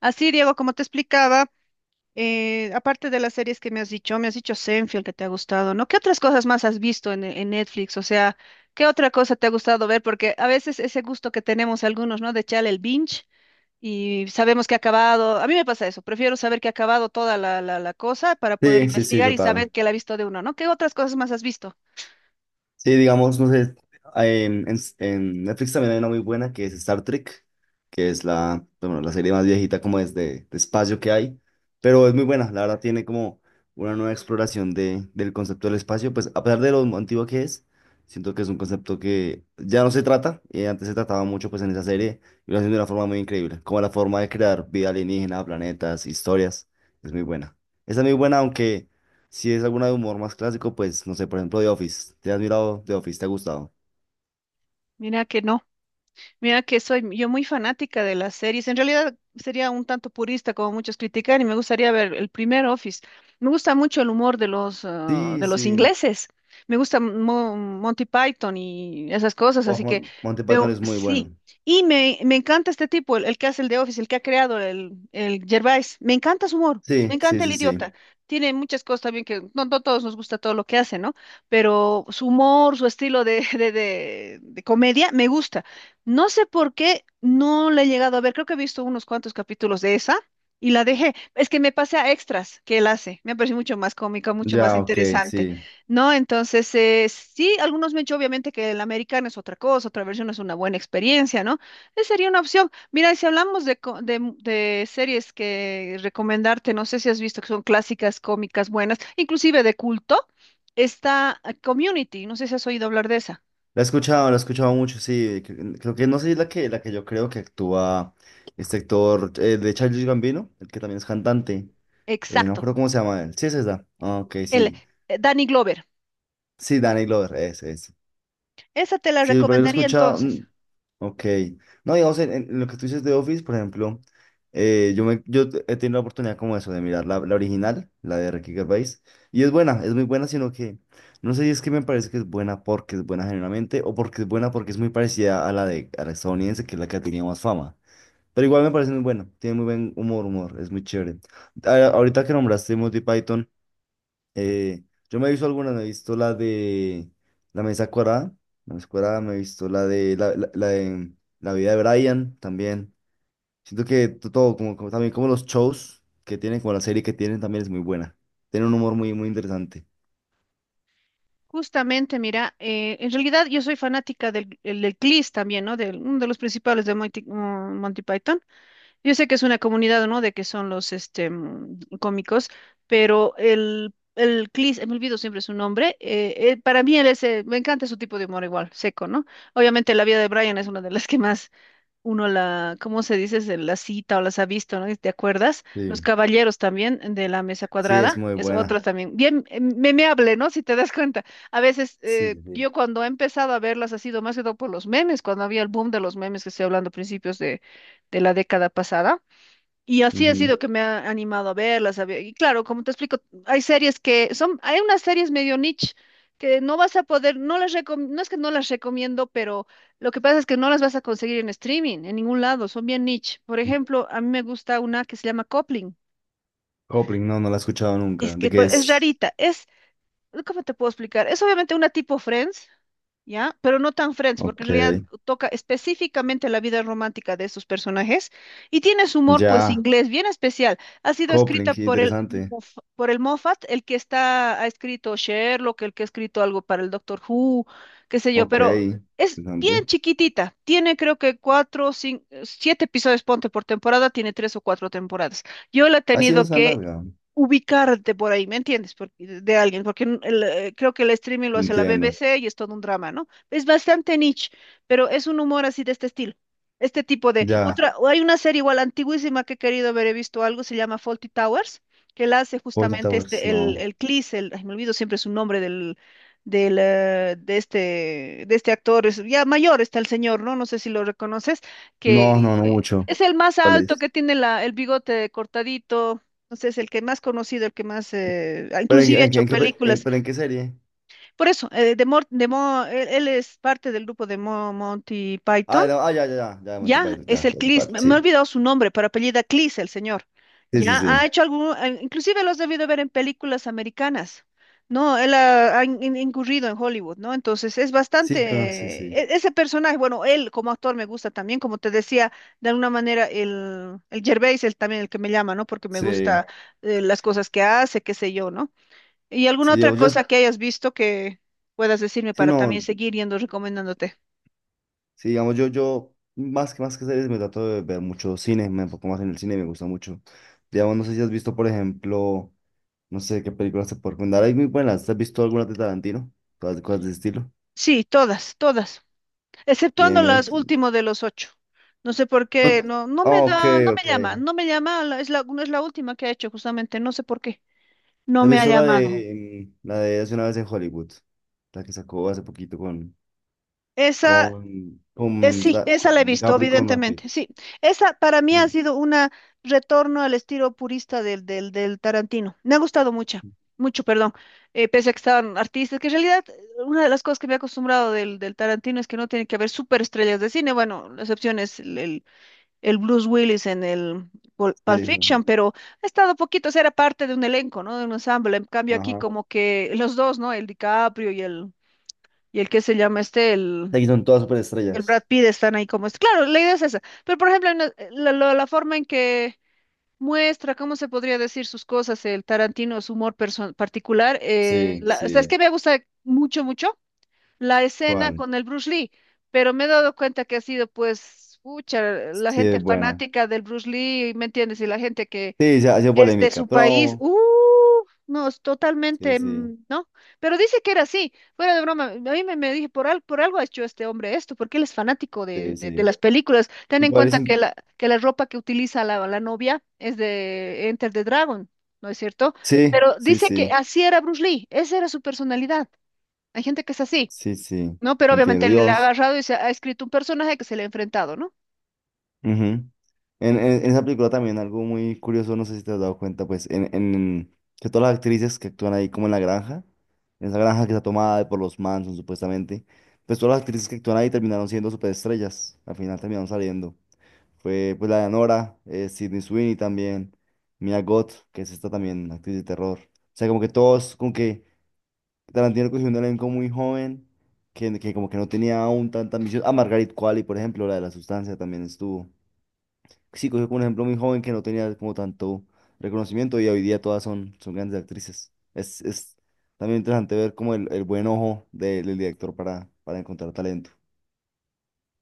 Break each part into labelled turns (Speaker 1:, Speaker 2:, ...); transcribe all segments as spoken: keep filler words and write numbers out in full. Speaker 1: Así, Diego, como te explicaba, eh, aparte de las series que me has dicho, me has dicho Seinfeld que te ha gustado, ¿no? ¿Qué otras cosas más has visto en, en Netflix? O sea, ¿qué otra cosa te ha gustado ver? Porque a veces ese gusto que tenemos algunos, ¿no? De echarle el binge y sabemos que ha acabado. A mí me pasa eso, prefiero saber que ha acabado toda la, la, la cosa para poder
Speaker 2: Sí, sí, sí,
Speaker 1: investigar y saber
Speaker 2: total.
Speaker 1: que la ha visto de uno, ¿no? ¿Qué otras cosas más has visto?
Speaker 2: Sí, digamos, no sé, en, en- en Netflix también hay una muy buena que es Star Trek, que es la, bueno, la serie más viejita como es de, de espacio que hay, pero es muy buena, la verdad tiene como una nueva exploración de, del concepto del espacio, pues a pesar de lo antiguo que es, siento que es un concepto que ya no se trata, y antes se trataba mucho pues en esa serie, y lo hacen de una forma muy increíble, como la forma de crear vida alienígena, planetas, historias, es muy buena. Esa es muy buena, aunque... Si es alguna de humor más clásico, pues no sé, por ejemplo, The Office. ¿Te has mirado The Office? ¿Te ha gustado?
Speaker 1: Mira que no. Mira que soy yo muy fanática de las series. En realidad sería un tanto purista como muchos critican y me gustaría ver el primer Office. Me gusta mucho el humor de los, ah,
Speaker 2: Sí,
Speaker 1: de los
Speaker 2: sí.
Speaker 1: ingleses. Me gusta Mo- Monty Python y esas cosas,
Speaker 2: Oh,
Speaker 1: así que
Speaker 2: Mon- Monty Python
Speaker 1: veo,
Speaker 2: es muy bueno.
Speaker 1: sí. Y me, me encanta este tipo, el, el que hace el de Office, el que ha creado el, el Gervais. Me encanta su humor, me
Speaker 2: Sí, sí,
Speaker 1: encanta el
Speaker 2: sí, sí.
Speaker 1: idiota. Tiene muchas cosas también que no, no todos nos gusta todo lo que hace, ¿no? Pero su humor, su estilo de, de de- de comedia, me gusta. No sé por qué no la he llegado a ver. Creo que he visto unos cuantos capítulos de esa y la dejé. Es que me pasé a extras que él hace. Me ha parecido mucho más cómica, mucho más
Speaker 2: Ya, ok,
Speaker 1: interesante,
Speaker 2: sí.
Speaker 1: ¿no? Entonces, eh, sí, algunos me han dicho obviamente que el americano es otra cosa, otra versión es una buena experiencia, ¿no? Esa sería una opción. Mira, y si hablamos de, co- de, mu- de series que recomendarte, no sé si has visto que son clásicas, cómicas, buenas, inclusive de culto, está eh, Community. No sé si has oído hablar de esa.
Speaker 2: La he escuchado, la he escuchado mucho, sí. Cre- Creo que no sé si es la que, la que yo creo que actúa este actor eh, de Childish Gambino, el que también es cantante. Eh, no
Speaker 1: Exacto.
Speaker 2: creo cómo se llama él. Sí, es esa. Ah, ok,
Speaker 1: El
Speaker 2: sí.
Speaker 1: eh, Danny Glover.
Speaker 2: Sí, Danny Glover, es, es.
Speaker 1: Esa te la
Speaker 2: Sí, por ahí lo he
Speaker 1: recomendaría
Speaker 2: escuchado.
Speaker 1: entonces.
Speaker 2: mm, Ok. No, digamos, en, en lo que tú dices de Office, por ejemplo, eh, yo, me, yo he tenido la oportunidad como eso, de mirar la, la original, la de Ricky Gervais, y es buena, es muy buena, sino que no sé si es que me parece que es buena porque es buena generalmente o porque es buena porque es muy parecida a la de a la estadounidense, que es la que ha tenido más fama. Pero igual me parece muy buena, tiene muy buen humor, humor, es muy chévere. A- ahorita que nombraste Monty Python. Eh, yo me he visto algunas, me he visto la de La Mesa Cuadrada, La Mesa Cuadrada, me he visto la de la, la- la de La Vida de Brian también. Siento que to- todo, como, como también como los shows que tienen, como la serie que tienen, también es muy buena. Tiene un humor muy, muy interesante.
Speaker 1: Justamente, mira, eh, en realidad yo soy fanática del, el- del CLIS también, ¿no? De uno de los principales de Monty, mm, Monty Python. Yo sé que es una comunidad, ¿no? De que son los este, mm, cómicos, pero el, el CLIS, eh, me olvido siempre su nombre, eh, eh, para mí él es, eh, me encanta su tipo de humor igual, seco, ¿no? Obviamente la vida de Brian es una de las que más uno la, ¿cómo se dice? Se La cita o las ha visto, ¿no? ¿Te acuerdas? Los
Speaker 2: Sí,
Speaker 1: caballeros también eh, de la mesa
Speaker 2: sí, es
Speaker 1: cuadrada,
Speaker 2: muy
Speaker 1: es otra
Speaker 2: buena.
Speaker 1: también, bien eh, memeable, ¿no? Si te das cuenta. A veces
Speaker 2: Sí,
Speaker 1: eh,
Speaker 2: sí.
Speaker 1: yo cuando he empezado a verlas ha sido más que todo por los memes, cuando había el boom de los memes que estoy hablando a principios de, de la década pasada. Y así ha
Speaker 2: Ujú.
Speaker 1: sido que me ha animado a verlas. a ver- Y claro, como te explico, hay series que son, hay unas series medio niche que no vas a poder, no las recom- no es que no las recomiendo, pero lo que pasa es que no las vas a conseguir en streaming, en ningún lado, son bien niche. Por
Speaker 2: Sí.
Speaker 1: ejemplo, a mí me gusta una que se llama Coupling.
Speaker 2: Copling, no, no la he escuchado
Speaker 1: Es
Speaker 2: nunca. ¿De
Speaker 1: que
Speaker 2: qué
Speaker 1: pues, es
Speaker 2: es?
Speaker 1: rarita, es ¿Cómo te puedo explicar? Es obviamente una tipo Friends, ¿ya? Pero no tan Friends, porque
Speaker 2: Ok,
Speaker 1: en realidad toca específicamente la vida romántica de estos personajes y tiene su humor, pues,
Speaker 2: ya.
Speaker 1: inglés bien especial. Ha sido
Speaker 2: Copling,
Speaker 1: escrita
Speaker 2: qué
Speaker 1: por el,
Speaker 2: interesante.
Speaker 1: Moff- por el Moffat, el que está, ha escrito Sherlock, el que ha escrito algo para el Doctor Who, qué sé yo,
Speaker 2: Ok,
Speaker 1: pero es bien
Speaker 2: interesante.
Speaker 1: chiquitita. Tiene creo que cuatro, cinco, siete episodios, ponte por temporada, tiene tres o cuatro temporadas. Yo la he
Speaker 2: Así no
Speaker 1: tenido
Speaker 2: está
Speaker 1: que
Speaker 2: larga.
Speaker 1: ubicarte por ahí, ¿me entiendes? Porque, de alguien, porque n- el, eh, creo que el streaming lo hace la
Speaker 2: Entiendo.
Speaker 1: B B C y es todo un drama, ¿no? Es bastante niche, pero es un humor así de este estilo. Este tipo de
Speaker 2: Ya.
Speaker 1: otra, o hay una serie igual antiguísima que he querido haber he visto algo, se llama Fawlty Towers, que la hace
Speaker 2: Fawlty
Speaker 1: justamente
Speaker 2: Towers,
Speaker 1: este, el,
Speaker 2: no.
Speaker 1: el Cleese, el, ay, me olvido siempre su nombre del, del, eh, de este, de este actor, es, ya mayor está el señor, ¿no? No sé si lo reconoces, que
Speaker 2: No, no, no mucho.
Speaker 1: es el más
Speaker 2: ¿Cuál
Speaker 1: alto,
Speaker 2: es?
Speaker 1: que tiene la, el bigote cortadito, entonces, el que más conocido, el que más, eh, ah,
Speaker 2: ¿Pero en,
Speaker 1: inclusive ha
Speaker 2: en, qué-
Speaker 1: hecho
Speaker 2: en qué, pe- en-
Speaker 1: películas.
Speaker 2: pero en qué serie?
Speaker 1: Por eso, eh, de Mor- de Mo- él, él es parte del grupo de Mo- Monty Python.
Speaker 2: Ah, no, ah, ya, ya, ya, ya, Monty
Speaker 1: Ya,
Speaker 2: Python,
Speaker 1: es
Speaker 2: ya,
Speaker 1: el
Speaker 2: ya sé
Speaker 1: Clis,
Speaker 2: cuál,
Speaker 1: me, me he
Speaker 2: sí.
Speaker 1: olvidado su nombre, pero apellida Clis, el señor.
Speaker 2: Sí, sí,
Speaker 1: Ya ha
Speaker 2: sí.
Speaker 1: hecho algún, eh, inclusive lo has debido ver en películas americanas. No, él ha, ha in- in- incurrido en Hollywood, ¿no? Entonces es bastante,
Speaker 2: Sí, pero sí, sí.
Speaker 1: e- ese personaje, bueno, él como actor me gusta también, como te decía, de alguna manera el, el Gervais, él también el que me llama, ¿no? Porque me
Speaker 2: Sí,
Speaker 1: gusta eh, las cosas que hace, qué sé yo, ¿no? ¿Y alguna
Speaker 2: sí, yo,
Speaker 1: otra
Speaker 2: yo,
Speaker 1: cosa que hayas visto que puedas decirme
Speaker 2: sí,
Speaker 1: para también
Speaker 2: no,
Speaker 1: seguir yendo recomendándote?
Speaker 2: sí, digamos, yo, yo, más que, más que series, me trato de ver mucho cine, me enfoco más en el cine, me gusta mucho. Digamos, no sé si has visto, por ejemplo, no sé qué películas te puedo recomendar, hay muy buenas, ¿has visto algunas de Tarantino? Cosas, cosas de ese estilo.
Speaker 1: Sí, todas, todas.
Speaker 2: Bien,
Speaker 1: Exceptuando las
Speaker 2: bien.
Speaker 1: último de los ocho. No sé por
Speaker 2: No,
Speaker 1: qué, no, no me
Speaker 2: ok,
Speaker 1: da, no
Speaker 2: ok.
Speaker 1: me llama, no me llama, la- es la, no es la última que ha hecho justamente, no sé por qué,
Speaker 2: ¿Te
Speaker 1: no
Speaker 2: has
Speaker 1: me ha
Speaker 2: visto la
Speaker 1: llamado.
Speaker 2: de em, la de hace una vez en Hollywood? La que sacó hace poquito con
Speaker 1: Esa,
Speaker 2: con
Speaker 1: eh,
Speaker 2: con,
Speaker 1: sí,
Speaker 2: ta-
Speaker 1: esa la he
Speaker 2: con
Speaker 1: visto,
Speaker 2: DiCaprio y con Brad Pitt.
Speaker 1: evidentemente, sí. Esa para mí ha
Speaker 2: Sí,
Speaker 1: sido un retorno al estilo purista del, del, del Tarantino. Me ha gustado mucho, mucho, perdón, eh, pese a que estaban artistas, que en realidad eh, una de las cosas que me he acostumbrado del, del Tarantino es que no tiene que haber superestrellas de cine, bueno, la excepción es el, el el Bruce Willis en el Pul- Pulp
Speaker 2: sí,
Speaker 1: Fiction, pero ha estado poquito, o sea, era parte de un elenco, ¿no? De un ensamble. En cambio
Speaker 2: ajá.
Speaker 1: aquí
Speaker 2: Ajá.
Speaker 1: como que los dos, ¿no? El DiCaprio y el, y el que se llama este, el,
Speaker 2: Aquí son todas
Speaker 1: el Brad
Speaker 2: superestrellas.
Speaker 1: Pitt están ahí como este. Claro, la idea es esa. Pero por ejemplo, en la, la- la- la forma en que muestra, ¿cómo se podría decir sus cosas? El Tarantino, su humor perso- particular. Eh,
Speaker 2: Sí,
Speaker 1: la- ¿sabes
Speaker 2: sí.
Speaker 1: qué me gusta mucho, mucho? La escena
Speaker 2: ¿Cuál?
Speaker 1: con el Bruce Lee, pero me he dado cuenta que ha sido pues, pucha, la
Speaker 2: Sí,
Speaker 1: gente
Speaker 2: es buena.
Speaker 1: fanática del Bruce Lee, ¿me entiendes? Y la gente que
Speaker 2: Sí, se ha sido
Speaker 1: es de su
Speaker 2: polémica,
Speaker 1: país,
Speaker 2: pero
Speaker 1: uh, no, es
Speaker 2: sí,
Speaker 1: totalmente,
Speaker 2: sí,
Speaker 1: mm, ¿no? Pero dice que era así, fuera de broma, a mí me, me dije, por, al- por algo ha hecho este hombre esto, porque él es fanático de,
Speaker 2: sí,
Speaker 1: de- de
Speaker 2: sí.
Speaker 1: las películas. Ten en
Speaker 2: Igual es
Speaker 1: cuenta que
Speaker 2: in-
Speaker 1: la, que la ropa que utiliza la, la novia es de Enter the Dragon. ¿No es cierto?
Speaker 2: sí,
Speaker 1: Pero
Speaker 2: sí,
Speaker 1: dice que
Speaker 2: sí,
Speaker 1: así era Bruce Lee, esa era su personalidad. Hay gente que es así.
Speaker 2: sí, sí.
Speaker 1: No, pero
Speaker 2: Entiendo,
Speaker 1: obviamente le ha
Speaker 2: Dios.
Speaker 1: agarrado y se ha escrito un personaje que se le ha enfrentado, ¿no?
Speaker 2: Ujú. En, en- en esa película también algo muy curioso, no sé si te has dado cuenta, pues, en, en que todas las actrices que actúan ahí como en la granja, en esa granja que está tomada por los Manson supuestamente, pues todas las actrices que actúan ahí terminaron siendo superestrellas, al final terminaron saliendo. Fue pues la de Nora, eh, Sydney Sweeney también, Mia Goth, que es esta también actriz de terror. O sea, como que todos, como que Tarantino cogió un elenco muy joven, que, que como que no tenía aún tanta ambición. Ah, Margaret Qualley, por ejemplo, la de la sustancia también estuvo. Sí, cogió como un ejemplo muy joven que no tenía como tanto reconocimiento y hoy día todas son, son grandes actrices. Es, es también interesante ver como el, el buen ojo de- del director para, para encontrar talento.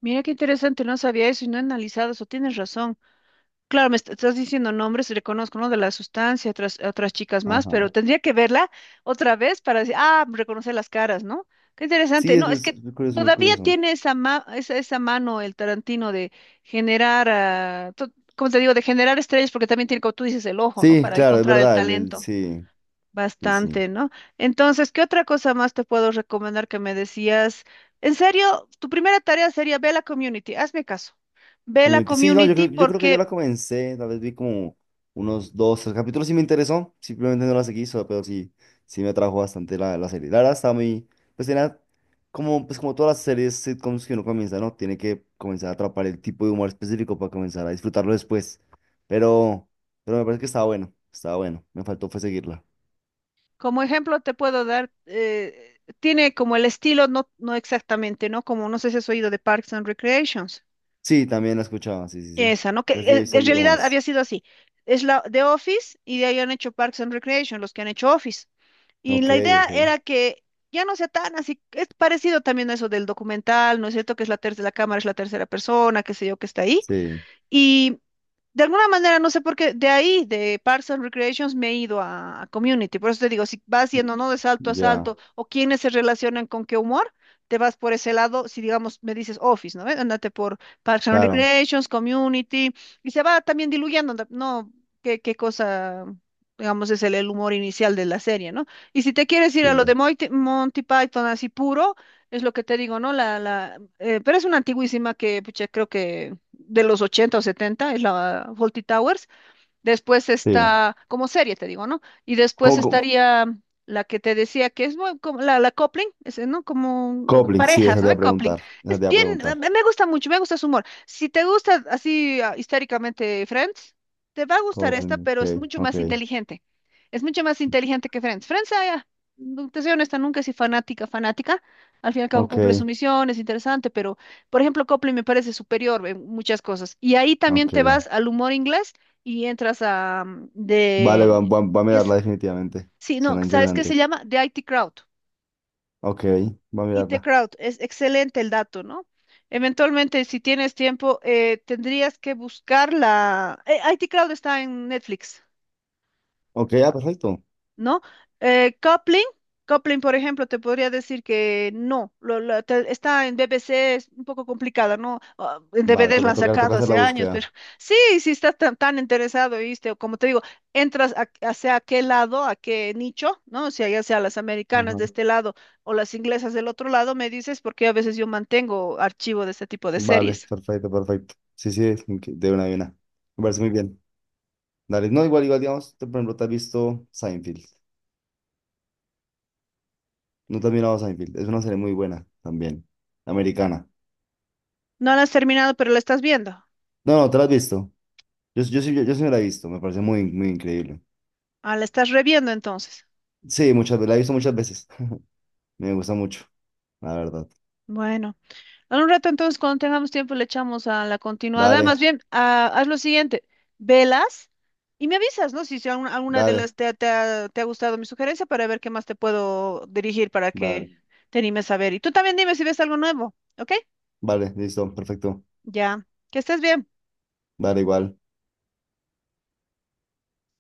Speaker 1: Mira qué interesante, no sabía eso y no he analizado eso, tienes razón. Claro, me est- estás diciendo nombres, reconozco, ¿no? De la sustancia, otras, otras chicas más,
Speaker 2: Ajá.
Speaker 1: pero tendría que verla otra vez para decir, ah, reconocer las caras, ¿no? Qué interesante.
Speaker 2: Sí, es,
Speaker 1: No, es
Speaker 2: es
Speaker 1: que
Speaker 2: muy curioso, muy
Speaker 1: todavía
Speaker 2: curioso.
Speaker 1: tiene esa, ma- esa, esa mano el Tarantino de generar, ah, to- como te digo, de generar estrellas, porque también tiene, como tú dices, el ojo, ¿no?
Speaker 2: Sí,
Speaker 1: Para
Speaker 2: claro, es
Speaker 1: encontrar el
Speaker 2: verdad, el, el-
Speaker 1: talento.
Speaker 2: sí, sí, sí.
Speaker 1: Bastante, ¿no? Entonces, ¿qué otra cosa más te puedo recomendar que me decías? En serio, tu primera tarea sería ve a la community, hazme caso. Ve a la
Speaker 2: Community. Sí, no, yo
Speaker 1: community
Speaker 2: creo, yo creo que yo
Speaker 1: porque,
Speaker 2: la comencé, tal vez vi como unos dos, tres capítulos y me interesó, simplemente no la seguí, so- pero sí, sí me atrajo bastante la, la serie. La verdad estaba muy, pues tenía como, pues como todas las series sitcoms que uno comienza, ¿no? Tiene que comenzar a atrapar el tipo de humor específico para comenzar a disfrutarlo después. Pero, pero me parece que estaba bueno, estaba bueno, me faltó fue seguirla.
Speaker 1: como ejemplo, te puedo dar, eh, tiene como el estilo, no, no exactamente, ¿no? Como no sé si has oído de Parks and Recreations.
Speaker 2: Sí, también la escuchaba, sí, sí, sí.
Speaker 1: Esa, ¿no? Que
Speaker 2: Así he
Speaker 1: eh,
Speaker 2: visto
Speaker 1: en
Speaker 2: algo
Speaker 1: realidad había
Speaker 2: más.
Speaker 1: sido así. Es la de Office y de ahí han hecho Parks and Recreation, los que han hecho Office. Y
Speaker 2: Ok,
Speaker 1: la idea
Speaker 2: ok,
Speaker 1: era que ya no sea tan así, es parecido también a eso del documental, ¿no es cierto? Que es la tercera, la cámara es la tercera persona, qué sé yo, que está ahí,
Speaker 2: sí,
Speaker 1: y de alguna manera, no sé por qué, de ahí, de Parks and Recreations, me he ido a, a Community. Por eso te digo, si vas yendo, ¿no? De salto a
Speaker 2: ya,
Speaker 1: salto, o quienes se relacionan con qué humor, te vas por ese lado. Si, digamos, me dices Office, ¿no? ¿Ve? Ándate por Parks and
Speaker 2: claro,
Speaker 1: Recreations, Community, y se va también diluyendo, ¿no? No, ¿qué, qué cosa, digamos, es el, el humor inicial de la serie, ¿no? Y si te quieres ir a lo de
Speaker 2: sí,
Speaker 1: Moite- Monty Python así puro, es lo que te digo, ¿no? La, la, eh, pero es una antiguísima que, pucha, creo que de los ochenta o setenta es la Fawlty Towers. Después
Speaker 2: sí.
Speaker 1: está, como serie te digo, ¿no? Y después
Speaker 2: ¿Cómo, cómo-
Speaker 1: estaría la que te decía que es muy como la, la coupling, ese, ¿no? Como eh,
Speaker 2: Coupling, sí,
Speaker 1: parejas,
Speaker 2: esa te
Speaker 1: ¿no?
Speaker 2: iba a
Speaker 1: Coupling.
Speaker 2: preguntar. Esa
Speaker 1: Es
Speaker 2: te iba a
Speaker 1: bien, eh,
Speaker 2: preguntar.
Speaker 1: me me gusta mucho, me gusta su humor. Si te gusta así ah, históricamente Friends, te va a gustar esta,
Speaker 2: Coupling,
Speaker 1: pero es
Speaker 2: ok,
Speaker 1: mucho
Speaker 2: ok,
Speaker 1: más inteligente. Es mucho más inteligente que Friends. Friends, ah, ya, no, te soy honesta, nunca soy fanática, fanática. Al fin y al cabo cumple su
Speaker 2: ok,
Speaker 1: misión, es interesante, pero, por ejemplo, Coupling me parece superior en muchas cosas. Y ahí también
Speaker 2: ok.
Speaker 1: te vas al humor inglés y entras a mm,
Speaker 2: Vale, va,
Speaker 1: de
Speaker 2: va- va a
Speaker 1: que es-
Speaker 2: mirarla definitivamente.
Speaker 1: sí, no,
Speaker 2: Suena
Speaker 1: ¿sabes qué se
Speaker 2: interesante.
Speaker 1: llama? De I T Crowd.
Speaker 2: Ok, va a
Speaker 1: I T
Speaker 2: mirarla.
Speaker 1: Crowd, es excelente el dato, ¿no? Eventualmente, si tienes tiempo, eh, tendrías que buscar la eh, I T Crowd está en Netflix.
Speaker 2: Ok, ah, perfecto.
Speaker 1: ¿No? Eh, coupling, coupling, por ejemplo, te podría decir que no, lo- lo- te- está en B B C, es un poco complicada, ¿no? Ah, en
Speaker 2: Vale,
Speaker 1: D V Ds la
Speaker 2: toca,
Speaker 1: han
Speaker 2: toca, toca
Speaker 1: sacado
Speaker 2: hacer
Speaker 1: hace
Speaker 2: la
Speaker 1: años, pero
Speaker 2: búsqueda.
Speaker 1: sí, si estás tan, tan interesado, ¿viste? O como te digo, entras a- hacia qué lado, a qué nicho, ¿no? O sea, ya sea las americanas de
Speaker 2: Ajá.
Speaker 1: este lado o las inglesas del otro lado, me dices, porque a veces yo mantengo archivo de este tipo de
Speaker 2: Vale,
Speaker 1: series.
Speaker 2: perfecto, perfecto. Sí, sí, ok, de una a una. Me parece muy bien. Dale, no, igual, igual, digamos, tú, por ejemplo, te has visto Seinfeld. No te has mirado Seinfeld. Es una serie muy buena también, americana.
Speaker 1: No la has terminado, pero la estás viendo.
Speaker 2: No, no, te la has visto. Yo, yo, sí- yo, yo sí me la he visto. Me parece muy, muy increíble.
Speaker 1: Ah, la estás reviendo entonces.
Speaker 2: Sí, muchas veces, la he visto muchas veces. Me gusta mucho, la verdad.
Speaker 1: Bueno. En un rato, entonces, cuando tengamos tiempo, le echamos a la continuada. Más
Speaker 2: Dale,
Speaker 1: bien, ah, haz lo siguiente, velas y me avisas, ¿no? Si, si alguna, alguna de
Speaker 2: dale,
Speaker 1: las te, ha- te ha te ha gustado mi sugerencia para ver qué más te puedo dirigir para
Speaker 2: dale,
Speaker 1: que te animes a ver. Y tú también dime si ves algo nuevo, ¿ok?
Speaker 2: vale, listo, perfecto.
Speaker 1: Ya, que estés bien.
Speaker 2: Dale igual.